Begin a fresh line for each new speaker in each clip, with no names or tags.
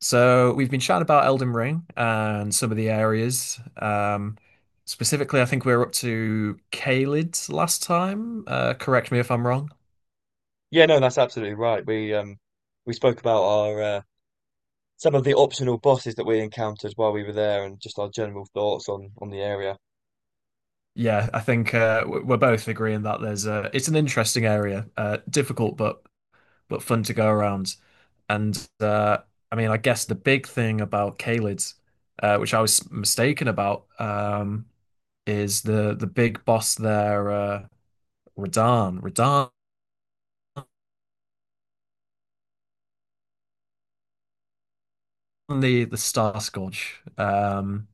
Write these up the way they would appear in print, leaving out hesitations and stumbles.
So we've been chatting about Elden Ring and some of the areas. Specifically, I think we were up to Caelid last time. Correct me if I'm wrong.
Yeah, no, that's absolutely right. We spoke about our some of the optional bosses that we encountered while we were there and just our general thoughts on the area.
Yeah, I think we're both agreeing that it's an interesting area, difficult but fun to go around. And I mean, I guess the big thing about Caelid, which I was mistaken about, is the big boss there, Radahn. Radahn. The Star Scourge.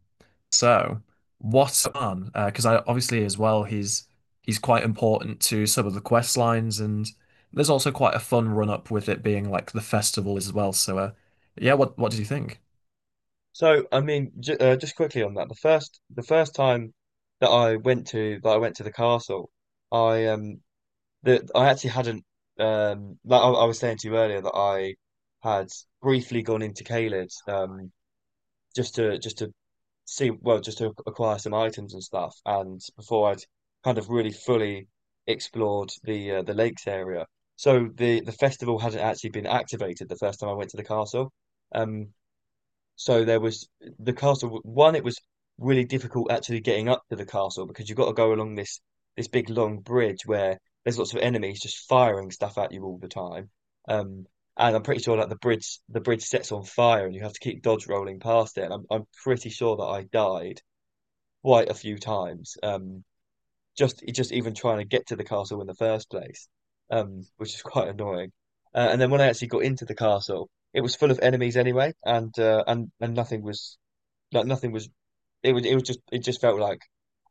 So what's on? Because I obviously as well he's quite important to some of the quest lines, and there's also quite a fun run up with it being like the festival as well. Yeah, what did you think?
So, I mean, j Just quickly on that, the first time that I went to the castle, I um I actually hadn't, like I was saying to you earlier that I had briefly gone into Caelid, just to see, well, just to acquire some items and stuff. And before I'd kind of really fully explored the lakes area, so the festival hadn't actually been activated the first time I went to the castle. Um, so there was the castle. One, it was really difficult actually getting up to the castle because you've got to go along this big long bridge where there's lots of enemies just firing stuff at you all the time. Um, and I'm pretty sure like the bridge sets on fire and you have to keep dodge rolling past it. And I'm pretty sure that I died quite a few times. Just even trying to get to the castle in the first place, which is quite annoying. And then when I actually got into the castle, it was full of enemies anyway, and nothing was, like nothing was. It was. It was just. It just felt like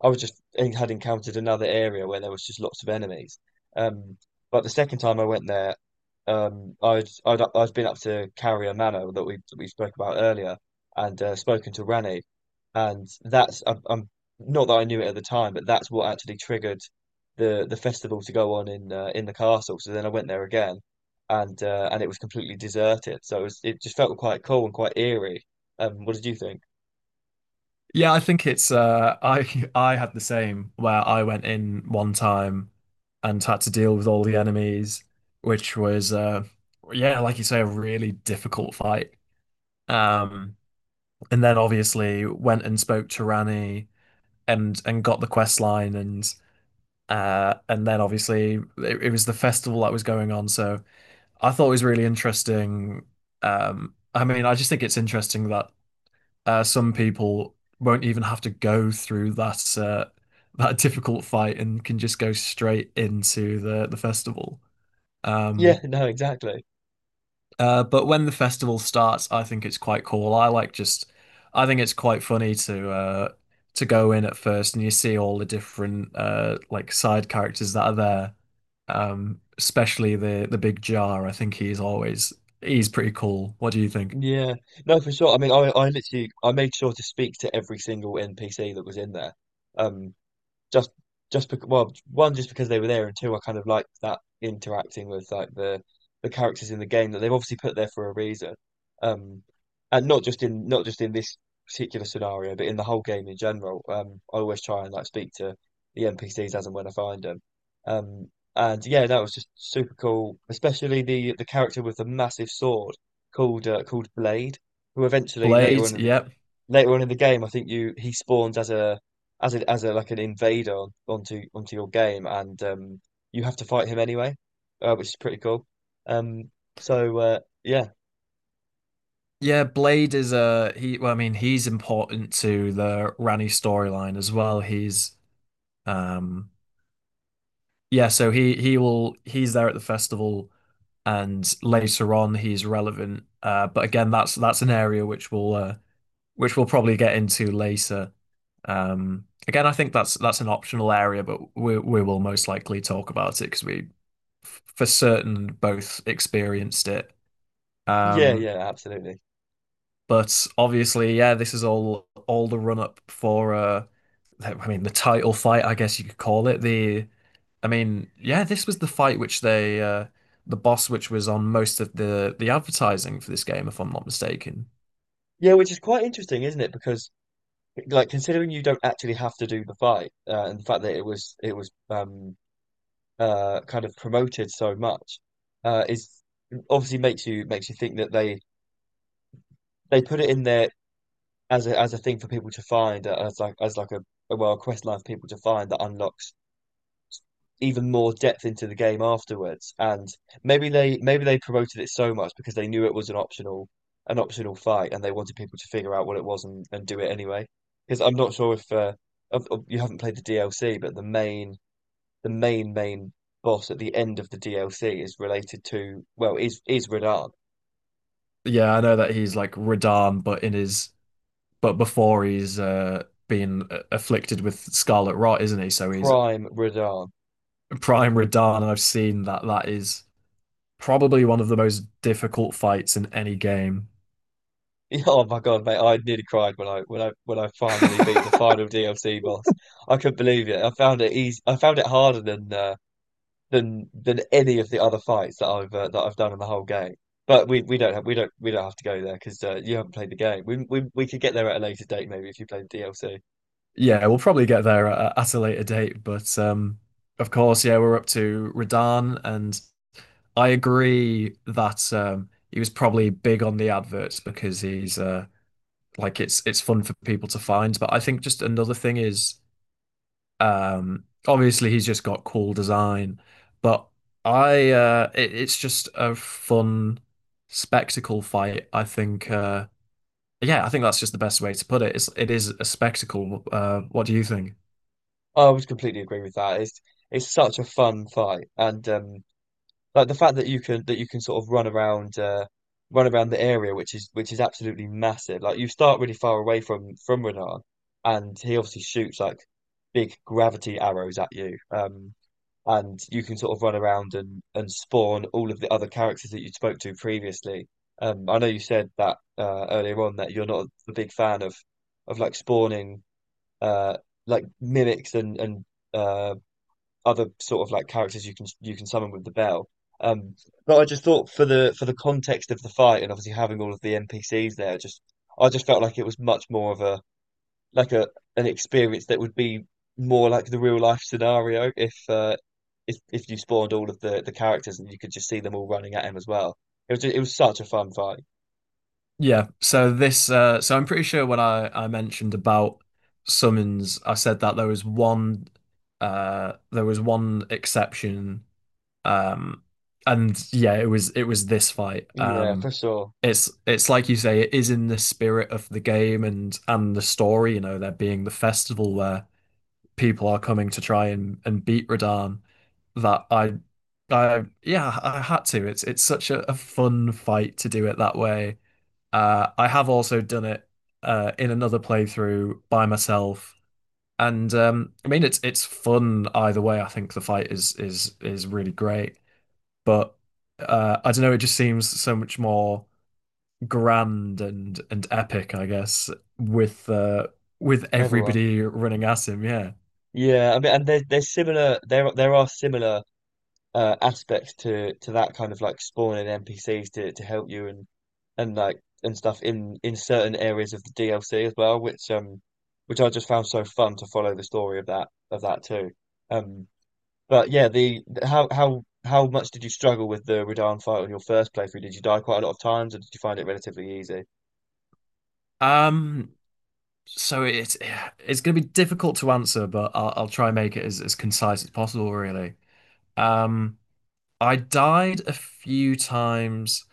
I was just I had encountered another area where there was just lots of enemies. Um, but the second time I went there, I'd been up to Carrier Manor that we spoke about earlier, and spoken to Rani, and that's I'm not that I knew it at the time, but that's what actually triggered the festival to go on in the castle. So then I went there again, and it was completely deserted. So it was, it just felt quite cool and quite eerie. What did you think?
Yeah, I think it's I I had the same where I went in one time and had to deal with all the enemies, which was yeah, like you say, a really difficult fight. Um, and then obviously went and spoke to Rani and got the quest line and then obviously it was the festival that was going on. So I thought it was really interesting. I mean, I just think it's interesting that some people won't even have to go through that difficult fight and can just go straight into the festival.
Yeah,
Um,
no, exactly.
But when the festival starts, I think it's quite cool. I think it's quite funny to go in at first and you see all the different like side characters that are there. Especially the big jar. I think he's pretty cool. What do you think?
Yeah, no, for sure. I mean, I literally, I made sure to speak to every single NPC that was in there. Um, just just because, well, one, just because they were there, and two, I kind of liked that interacting with like the characters in the game that they've obviously put there for a reason, um and not just in this particular scenario, but in the whole game in general. I always try and like speak to the NPCs as and when I find them. um and yeah, that was just super cool, especially the character with the massive sword called called Blade, who eventually
Blade, yep.
later on in the game, I think you he spawns as a as a as a like an invader onto your game, and you have to fight him anyway, which is pretty cool. Um, yeah,
Yeah, Blade is I mean, he's important to the Rani storyline as well. He's um Yeah, so he's there at the festival and later on he's relevant. But again, that's an area which we'll probably get into later. Again, I think that's an optional area, but we will most likely talk about it because for certain both experienced it.
yeah,
Um,
yeah, absolutely,
but obviously, yeah, this is all the run up for I mean the title fight, I guess you could call it the I mean, yeah, this was the fight which they the boss which was on most of the advertising for this game, if I'm not mistaken.
yeah, which is quite interesting, isn't it? Because like considering you don't actually have to do the fight, and the fact that it was, kind of promoted so much, is obviously makes you think that they put it in there as a thing for people to find, as like a, well, a quest line for people to find that unlocks even more depth into the game afterwards. And maybe they promoted it so much because they knew it was an optional fight, and they wanted people to figure out what it was and do it anyway, because I'm not sure if you haven't played the DLC, but the main main boss at the end of the DLC is related to, well, is Radahn,
Yeah, I know that he's like Radan, but in his but before he's afflicted with scarlet rot, isn't he? So he's
prime Radahn.
prime Radan, and I've seen that that is probably one of the most difficult fights in any game.
Yeah, oh my God, mate! I nearly cried when I finally beat the final DLC boss. I couldn't believe it. I found it easy. I found it harder than than any of the other fights that I've, that I've done in the whole game. But we don't have to go there because you haven't played the game. We could get there at a later date maybe if you played the DLC.
Yeah, we'll probably get there at a later date, but of course, yeah, we're up to Radan and I agree that he was probably big on the adverts because he's like it's fun for people to find. But I think just another thing is obviously he's just got cool design, but it's just a fun spectacle fight. I think yeah, I think that's just the best way to put it. It is a spectacle. What do you think?
I would completely agree with that. It's such a fun fight, and like the fact that you can sort of run around, run around the area, which is absolutely massive. Like you start really far away from Renan, and he obviously shoots like big gravity arrows at you. And you can sort of run around and spawn all of the other characters that you spoke to previously. I know you said that earlier on that you're not a big fan of like spawning, uh like mimics, and uh other sort of like characters you can, summon with the bell. Um, but I just thought for the context of the fight and obviously having all of the NPCs there, just, I just felt like it was much more of a, like a, an experience that would be more like the real life scenario if if you spawned all of the characters and you could just see them all running at him as well. It was it was such a fun fight.
So I'm pretty sure when I mentioned about summons, I said that there was one exception um and yeah, it was this fight.
Yeah, for sure.
It's like you say, it is in the spirit of the game and the story, you know, there being the festival where people are coming to try and beat Radahn that I yeah, I had to. It's such a fun fight to do it that way. I have also done it in another playthrough by myself, and I mean it's fun either way. I think the fight is really great, but I don't know. It just seems so much more grand and epic, I guess, with uh, with
Everyone.
everybody running at him. Yeah.
Yeah, I mean, and they're similar, there are similar aspects to that kind of like spawning NPCs to help you, and and like stuff in certain areas of the DLC as well, which I just found so fun to follow the story of that too. Um, but yeah, the, how much did you struggle with the Radahn fight on your first playthrough? Did you die quite a lot of times, or did you find it relatively easy?
Um. So it's going to be difficult to answer, but I'll try and make it as concise as possible. Really. Um. I died a few times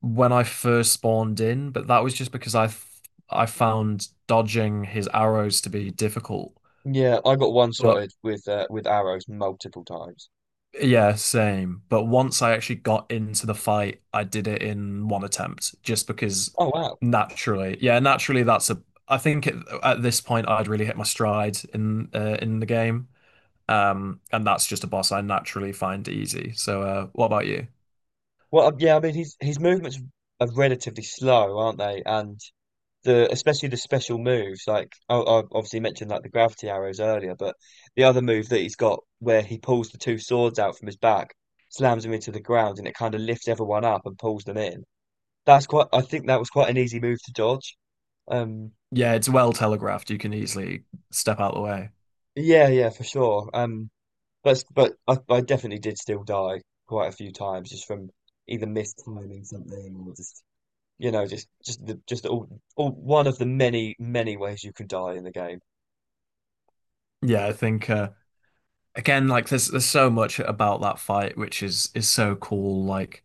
when I first spawned in, but that was just because I found dodging his arrows to be difficult.
Yeah, I got
But
one-shotted with arrows multiple times.
yeah, same. But once I actually got into the fight, I did it in one attempt just because
Oh wow.
naturally, yeah, naturally that's a I think at this point I'd really hit my stride in the game. And that's just a boss I naturally find easy. So, what about you?
Well, yeah, I mean, his movements are relatively slow, aren't they? And the especially the special moves, like I obviously mentioned like the gravity arrows earlier, but the other move that he's got where he pulls the two swords out from his back, slams them into the ground, and it kind of lifts everyone up and pulls them in, that's quite, I think that was quite an easy move to dodge. um
Yeah, it's well telegraphed. You can easily step out of the way.
yeah, yeah, for sure. But I definitely did still die quite a few times, just from either mistiming something or just, you know, just the just all one of the many ways you can die in the game.
Yeah, I think again, like there's so much about that fight which is so cool, like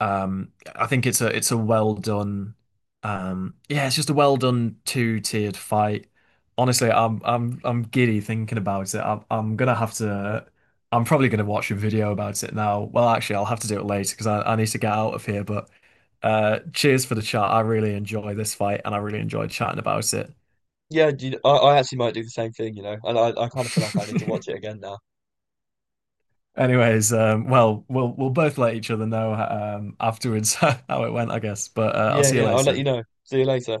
I think it's a well done yeah, it's just a well done two-tiered fight, honestly. I'm giddy thinking about it. I'm gonna have to, I'm probably gonna watch a video about it now. Well, actually I'll have to do it later because I need to get out of here. But cheers for the chat. I really enjoy this fight and I really enjoyed chatting about it.
Yeah, do you, I actually might do the same thing, you know, and I kind of feel like I need to watch it again now.
Anyways, well, we'll both let each other know afterwards how it went, I guess. But I'll
Yeah,
see you
yeah, I'll let
later.
you know. See you later.